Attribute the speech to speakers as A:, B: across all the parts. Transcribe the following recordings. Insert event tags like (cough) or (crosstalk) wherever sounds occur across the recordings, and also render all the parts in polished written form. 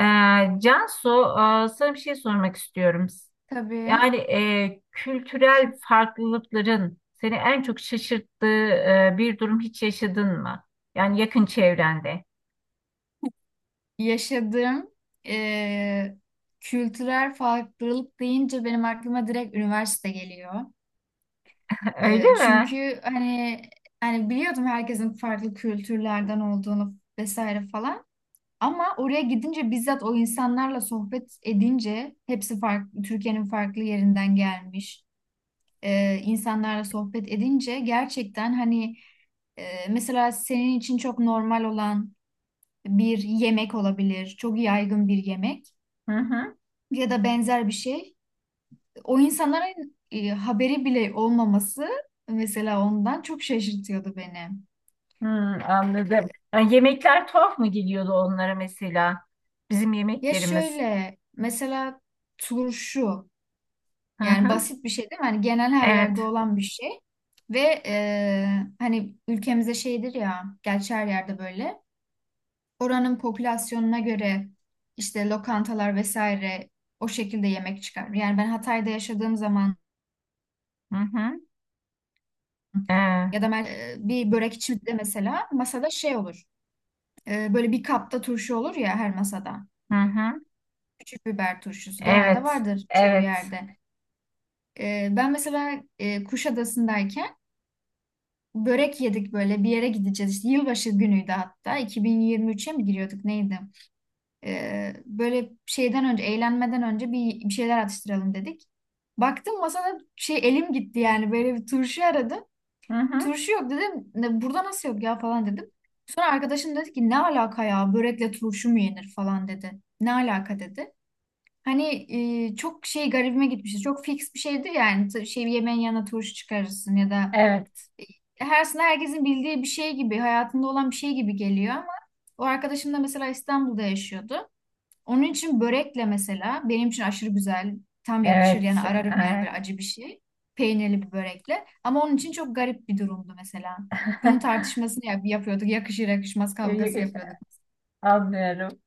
A: Ee, Cansu, sana bir şey sormak istiyorum.
B: Tabii,
A: Yani kültürel farklılıkların seni en çok şaşırttığı bir durum hiç yaşadın mı? Yani yakın çevrende.
B: yaşadığım eee, kültürel farklılık deyince benim aklıma direkt üniversite geliyor.
A: (laughs) Öyle mi?
B: Çünkü hani biliyordum herkesin farklı kültürlerden olduğunu vesaire falan. Ama oraya gidince bizzat o insanlarla sohbet edince hepsi farklı, Türkiye'nin farklı yerinden gelmiş insanlarla sohbet edince gerçekten hani mesela senin için çok normal olan bir yemek olabilir, çok yaygın bir yemek
A: Hı hı.
B: ya da benzer bir şey. O insanların haberi bile olmaması, mesela ondan çok şaşırtıyordu beni.
A: Hmm, anladım. Yani yemekler tuhaf mı geliyordu onlara mesela? Bizim
B: Ya
A: yemeklerimiz.
B: şöyle mesela turşu,
A: Hı
B: yani
A: hı.
B: basit bir şey değil mi? Hani genel her yerde
A: Evet.
B: olan bir şey ve hani ülkemizde şeydir ya, gerçi her yerde böyle oranın popülasyonuna göre işte lokantalar vesaire o şekilde yemek çıkar. Yani ben Hatay'da yaşadığım zaman
A: Hı hı. Ee,
B: Ya da mer- bir börekçi de mesela masada şey olur. Böyle bir kapta turşu olur ya her masada.
A: hı hı.
B: Küçük biber turşusu genelde
A: Evet.
B: vardır çoğu
A: Evet.
B: yerde. Ben mesela Kuşadası'ndayken börek yedik, böyle bir yere gideceğiz. İşte yılbaşı günüydü, hatta 2023'e mi giriyorduk neydi? Böyle şeyden önce, eğlenmeden önce bir şeyler atıştıralım dedik. Baktım masada şey, elim gitti yani, böyle bir turşu aradım.
A: Hı hı.
B: Turşu yok dedim. Ne, burada nasıl yok ya falan dedim. Sonra arkadaşım dedi ki ne alaka ya, börekle turşu mu yenir falan dedi. Ne alaka dedi. Hani çok şey, garibime gitmişti. Çok fix bir şeydi yani. Şey, yemeğin yanına turşu çıkarırsın ya da
A: Evet.
B: her, aslında herkesin bildiği bir şey gibi, hayatında olan bir şey gibi geliyor ama o arkadaşım da mesela İstanbul'da yaşıyordu. Onun için börekle, mesela benim için aşırı güzel, tam yakışır
A: Evet.
B: yani, ararım yani, böyle acı bir şey. Peynirli bir börekle. Ama onun için çok garip bir durumdu mesela. Bunun tartışmasını yapıyorduk. Yakışır yakışmaz kavgası
A: Evet. (laughs)
B: yapıyorduk.
A: (laughs) Anlıyorum.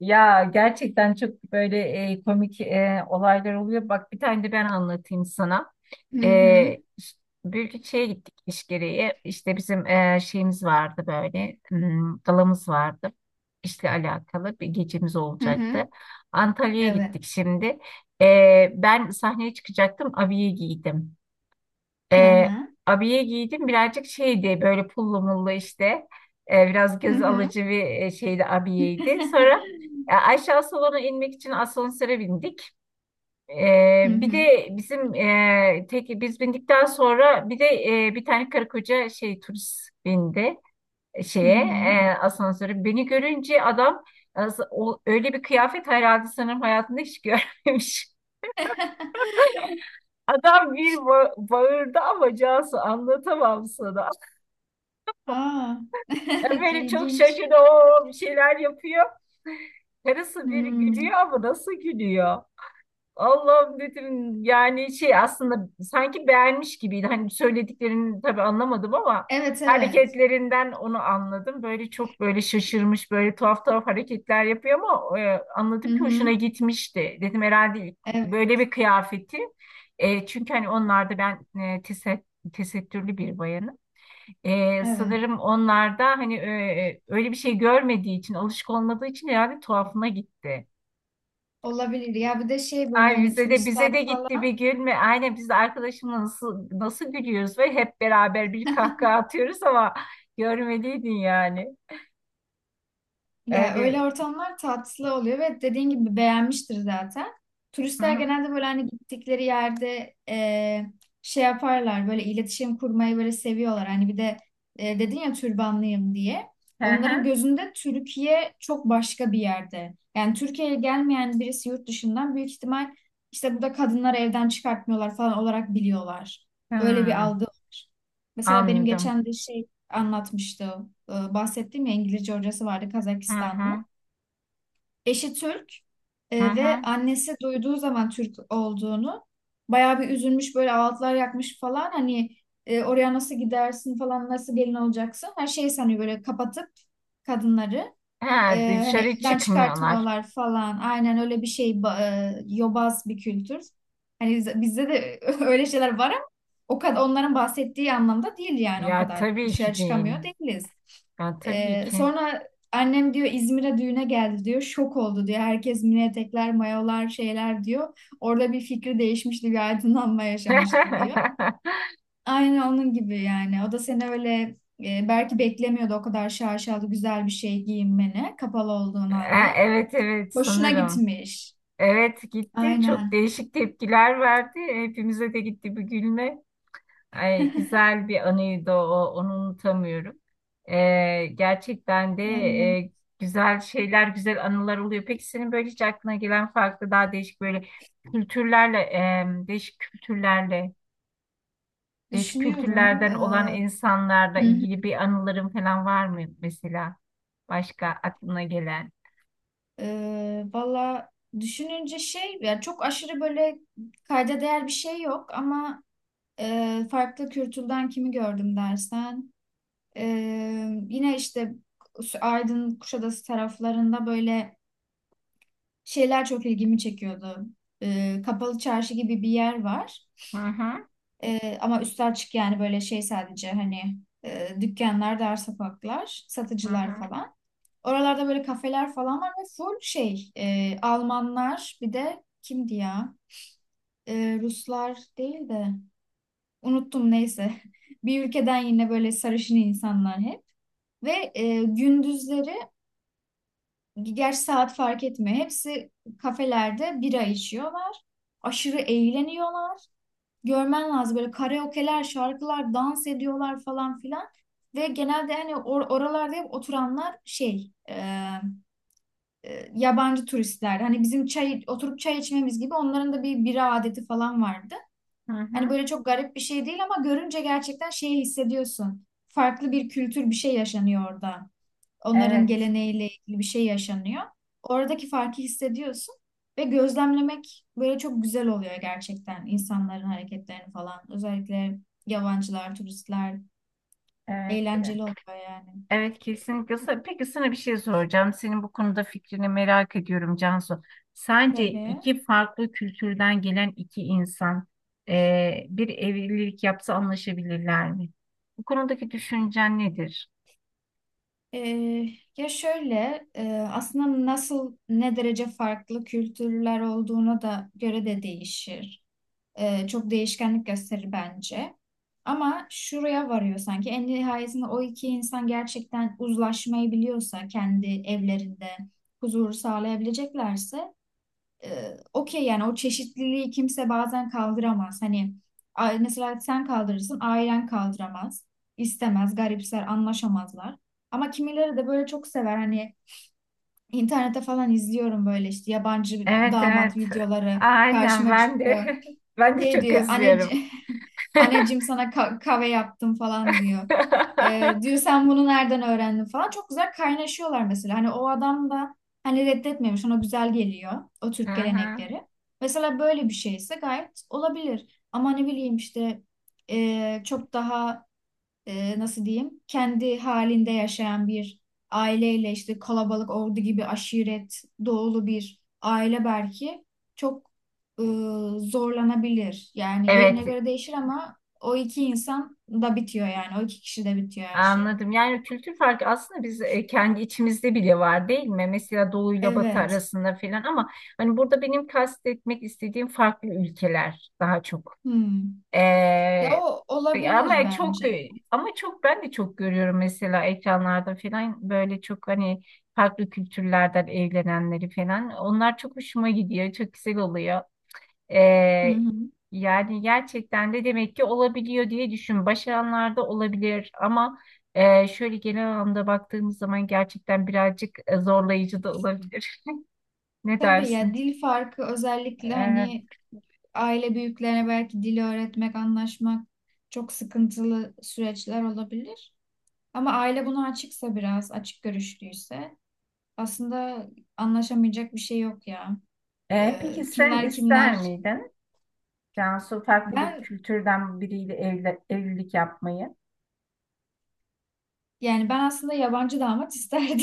A: Ya gerçekten çok böyle komik olaylar oluyor. Bak bir tane de ben anlatayım sana.
B: Hı
A: E,
B: hı.
A: ş- Bir şeye gittik iş gereği. İşte bizim şeyimiz vardı böyle. Galamız vardı. İşle alakalı bir gecemiz
B: Hı hı.
A: olacaktı. Antalya'ya
B: Evet.
A: gittik şimdi. Ben sahneye çıkacaktım. Abiye giydim.
B: Hı
A: E,
B: hı.
A: abiye giydim birazcık şeydi böyle pullu mullu işte. Biraz
B: Hı
A: göz
B: hı.
A: alıcı bir şeydi, abiyeydi. Sonra
B: (laughs)
A: aşağı salona inmek için asansöre bindik.
B: Hı
A: Bir
B: hı.
A: de bizim tek biz bindikten sonra bir de bir tane karı koca şey turist bindi e,
B: Hı
A: şeye
B: hı.
A: asansöre. Beni görünce adam öyle bir kıyafet herhalde sanırım hayatında hiç görmemiş. (laughs)
B: (laughs)
A: Adam bir bağırdı ama Cansu, anlatamam sana.
B: Aa. (laughs)
A: Böyle çok
B: İlginç.
A: şaşırdı. O bir şeyler yapıyor. Karısı bir
B: Hmm.
A: gülüyor ama nasıl gülüyor? Allah'ım dedim yani, şey, aslında sanki beğenmiş gibiydi. Hani söylediklerini tabii anlamadım ama
B: Evet, evet.
A: hareketlerinden onu anladım. Böyle çok böyle şaşırmış, böyle tuhaf tuhaf hareketler yapıyor ama
B: Hı
A: anladım ki hoşuna
B: hı.
A: gitmişti. Dedim herhalde ilk
B: Evet,
A: böyle bir kıyafeti. Çünkü hani onlarda ben tesettürlü bir bayanım.
B: evet.
A: Sanırım onlarda hani öyle bir şey görmediği için, alışık olmadığı için herhalde tuhafına gitti.
B: Olabilir. Ya bir de şey, böyle
A: Ay,
B: hani
A: bize de
B: turistler
A: gitti bir
B: falan.
A: gülme. Aynen, biz de arkadaşımla nasıl nasıl gülüyoruz ve hep beraber bir kahkaha atıyoruz ama (laughs) görmeliydin yani.
B: Ya öyle
A: Öyle.
B: ortamlar tatlı oluyor ve dediğin gibi beğenmiştir zaten.
A: Hı
B: Turistler
A: hı.
B: genelde böyle hani gittikleri yerde şey yaparlar, böyle iletişim kurmayı böyle seviyorlar. Hani bir de dedin ya türbanlıyım diye.
A: Hı
B: Onların
A: hı.
B: gözünde Türkiye çok başka bir yerde. Yani Türkiye'ye gelmeyen birisi yurt dışından büyük ihtimal işte burada kadınları evden çıkartmıyorlar falan olarak biliyorlar. Öyle bir
A: Hmm,
B: algı var. Mesela benim
A: anladım.
B: geçen de şey anlatmıştı. Bahsettiğim ya İngilizce hocası vardı,
A: Hı hı.
B: Kazakistanlı. Eşi Türk
A: Hı
B: ve
A: hı.
B: annesi duyduğu zaman Türk olduğunu bayağı bir üzülmüş, böyle ağıtlar yakmış falan, hani oraya nasıl gidersin falan, nasıl gelin olacaksın, her şeyi sanıyor böyle kapatıp kadınları.
A: Ha,
B: Hani
A: dışarı
B: elden
A: çıkmıyorlar.
B: çıkartmıyorlar falan. Aynen öyle bir şey. Yobaz bir kültür. Hani bizde de (laughs) öyle şeyler var ama o kadar onların bahsettiği anlamda değil, yani o
A: Ya
B: kadar
A: tabii
B: dışarı
A: ki değil.
B: çıkamıyor değiliz.
A: Ya tabii ki.
B: Sonra annem diyor İzmir'e düğüne geldi diyor. Şok oldu diyor. Herkes mini etekler, mayolar, şeyler diyor. Orada bir fikri değişmişti, bir aydınlanma yaşamıştı diyor.
A: (laughs)
B: Aynen onun gibi yani. O da seni öyle belki beklemiyordu, o kadar şaşalı güzel bir şey giyinmeni kapalı olduğun
A: Ha,
B: halde.
A: evet evet,
B: Boşuna
A: sanırım.
B: gitmiş.
A: Evet, gitti. Çok
B: Aynen.
A: değişik tepkiler verdi. Hepimize de gitti bir gülme. Ay, güzel bir anıydı o. Onu unutamıyorum. Gerçekten de
B: Evet.
A: güzel şeyler, güzel anılar oluyor. Peki senin böyle hiç aklına gelen farklı, daha değişik böyle kültürlerle, değişik
B: Düşünüyorum.
A: kültürlerden
B: Ee.
A: olan insanlarla
B: Hı hı.
A: ilgili bir anıların falan var mı mesela? Başka aklına gelen?
B: Valla düşününce şey, yani çok aşırı böyle kayda değer bir şey yok ama farklı kültürden kimi gördüm dersen, e, yine işte Aydın Kuşadası taraflarında böyle şeyler çok ilgimi çekiyordu. Kapalı çarşı gibi bir yer var.
A: Hı hı,
B: Ama üstü açık yani, böyle şey sadece hani dükkanlar, dar sokaklar,
A: hı
B: satıcılar
A: hı,
B: falan. Oralarda böyle kafeler falan var ve full şey, Almanlar bir de kimdi ya? Ruslar değil de, unuttum neyse. (laughs) Bir ülkeden yine böyle sarışın insanlar hep. Ve gündüzleri, gerçi saat fark etmiyor, hepsi kafelerde bira içiyorlar. Aşırı eğleniyorlar. Görmen lazım böyle karaoke'ler, şarkılar, dans ediyorlar falan filan. Ve genelde hani oralarda hep oturanlar şey, yabancı turistler. Hani bizim çay oturup çay içmemiz gibi onların da bir bira adeti falan vardı.
A: hı
B: Hani
A: hı.
B: böyle çok garip bir şey değil ama görünce gerçekten şeyi hissediyorsun. Farklı bir kültür, bir şey yaşanıyor orada. Onların
A: Evet,
B: geleneğiyle ilgili bir şey yaşanıyor. Oradaki farkı hissediyorsun ve gözlemlemek böyle çok güzel oluyor gerçekten, insanların hareketlerini falan. Özellikle yabancılar, turistler,
A: evet.
B: eğlenceli oluyor yani.
A: Evet, kesinlikle. Peki sana bir şey soracağım. Senin bu konuda fikrini merak ediyorum Cansu. Sence
B: Tabii.
A: iki farklı kültürden gelen iki insan bir evlilik yapsa anlaşabilirler mi? Bu konudaki düşüncen nedir?
B: Ee, Ya şöyle, aslında nasıl, ne derece farklı kültürler olduğuna da göre de değişir. Çok değişkenlik gösterir bence. Ama şuraya varıyor sanki. En nihayetinde o iki insan gerçekten uzlaşmayı biliyorsa kendi evlerinde huzuru sağlayabileceklerse e, okey yani, o çeşitliliği kimse bazen kaldıramaz. Hani mesela sen kaldırırsın, ailen kaldıramaz, istemez, garipser, anlaşamazlar. Ama kimileri de böyle çok sever, hani internette falan izliyorum, böyle işte yabancı
A: Evet evet.
B: damat videoları
A: Aynen,
B: karşıma
A: ben de
B: çıkıyor.
A: (laughs) ben de
B: Şey
A: çok
B: diyor,
A: özlüyorum.
B: anneciğim, (laughs)
A: (laughs)
B: anneciğim sana kahve yaptım falan diyor. Diyor sen bunu nereden öğrendin falan. Çok güzel kaynaşıyorlar mesela. Hani o adam da hani reddetmemiş, ona güzel geliyor o
A: Hı
B: Türk
A: hı.
B: gelenekleri. Mesela böyle bir şeyse gayet olabilir. Ama ne bileyim işte çok daha nasıl diyeyim, kendi halinde yaşayan bir aileyle işte kalabalık, ordu gibi aşiret doğulu bir aile belki çok e, zorlanabilir. Yani yerine
A: Evet,
B: göre değişir ama o iki insan da bitiyor yani, o iki kişi de bitiyor her şey.
A: anladım. Yani kültür farkı aslında biz kendi içimizde bile var değil mi? Mesela Doğu ile Batı
B: Evet.
A: arasında falan ama hani burada benim kastetmek istediğim farklı ülkeler daha çok.
B: Hmm.
A: Ee,
B: Ya o olabilir bence.
A: ama çok ben de çok görüyorum mesela ekranlarda falan böyle çok hani farklı kültürlerden evlenenleri falan. Onlar çok hoşuma gidiyor. Çok güzel oluyor.
B: Hı
A: Ee,
B: hı.
A: yani gerçekten de demek ki olabiliyor diye düşün. Başaranlarda olabilir ama şöyle genel anlamda baktığımız zaman gerçekten birazcık zorlayıcı da olabilir. (laughs) Ne
B: Tabii ya,
A: dersin?
B: dil farkı özellikle
A: Evet.
B: hani aile büyüklerine belki dili öğretmek, anlaşmak çok sıkıntılı süreçler olabilir. Ama aile buna açıksa biraz, açık görüşlüyse aslında anlaşamayacak bir şey yok ya.
A: Peki sen
B: Kimler
A: ister
B: kimler.
A: miydin Cansu farklı bir
B: Ben
A: kültürden biriyle evli, evlilik yapmayı?
B: Yani ben aslında yabancı damat isterdim.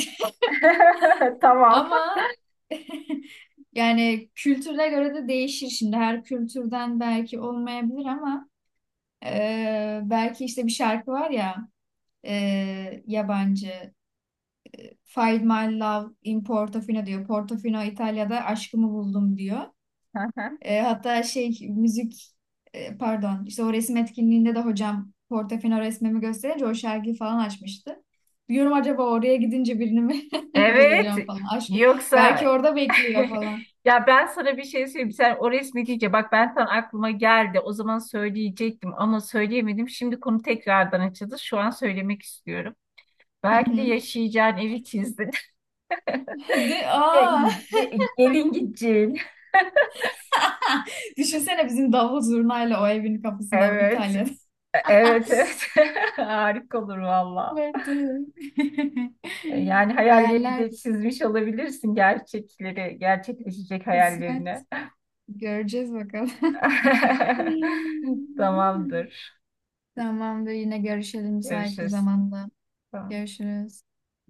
A: (laughs)
B: (laughs)
A: Tamam.
B: Ama (laughs) yani kültüre göre de değişir şimdi. Her kültürden belki olmayabilir ama belki işte bir şarkı var ya, yabancı. Find my love in Portofino diyor. Portofino İtalya'da aşkımı buldum diyor.
A: (laughs)
B: Hatta şey müzik, pardon işte o resim etkinliğinde de hocam Portofino resmimi gösterince o şarkıyı falan açmıştı. Diyorum acaba oraya gidince birini mi (laughs)
A: Evet.
B: bulacağım falan, aşkım.
A: Yoksa…
B: Belki orada bekliyor
A: (laughs)
B: falan.
A: Ya ben sana bir şey söyleyeyim. Sen o resmi deyince bak, ben tam aklıma geldi. O zaman söyleyecektim ama söyleyemedim. Şimdi konu tekrardan açıldı. Şu an söylemek istiyorum.
B: Hı
A: Belki de
B: hı.
A: yaşayacağın evi çizdin.
B: (laughs) De,
A: (laughs)
B: aa,
A: Gelin gideceğin.
B: (laughs) düşünsene bizim davul zurnayla o evin kapısında
A: Evet.
B: İtalya'da. (laughs)
A: Evet, evet. (laughs) Harika olur valla.
B: Vardı. (laughs)
A: Yani hayallerini de
B: Hayaller bir
A: çizmiş olabilirsin, gerçekleri, gerçekleşecek
B: kısmet.
A: hayallerini.
B: Göreceğiz bakalım.
A: (laughs)
B: (laughs)
A: Tamamdır.
B: Tamamdır, yine görüşelim müsait bir
A: Görüşürüz.
B: zamanda.
A: Tamam.
B: Görüşürüz.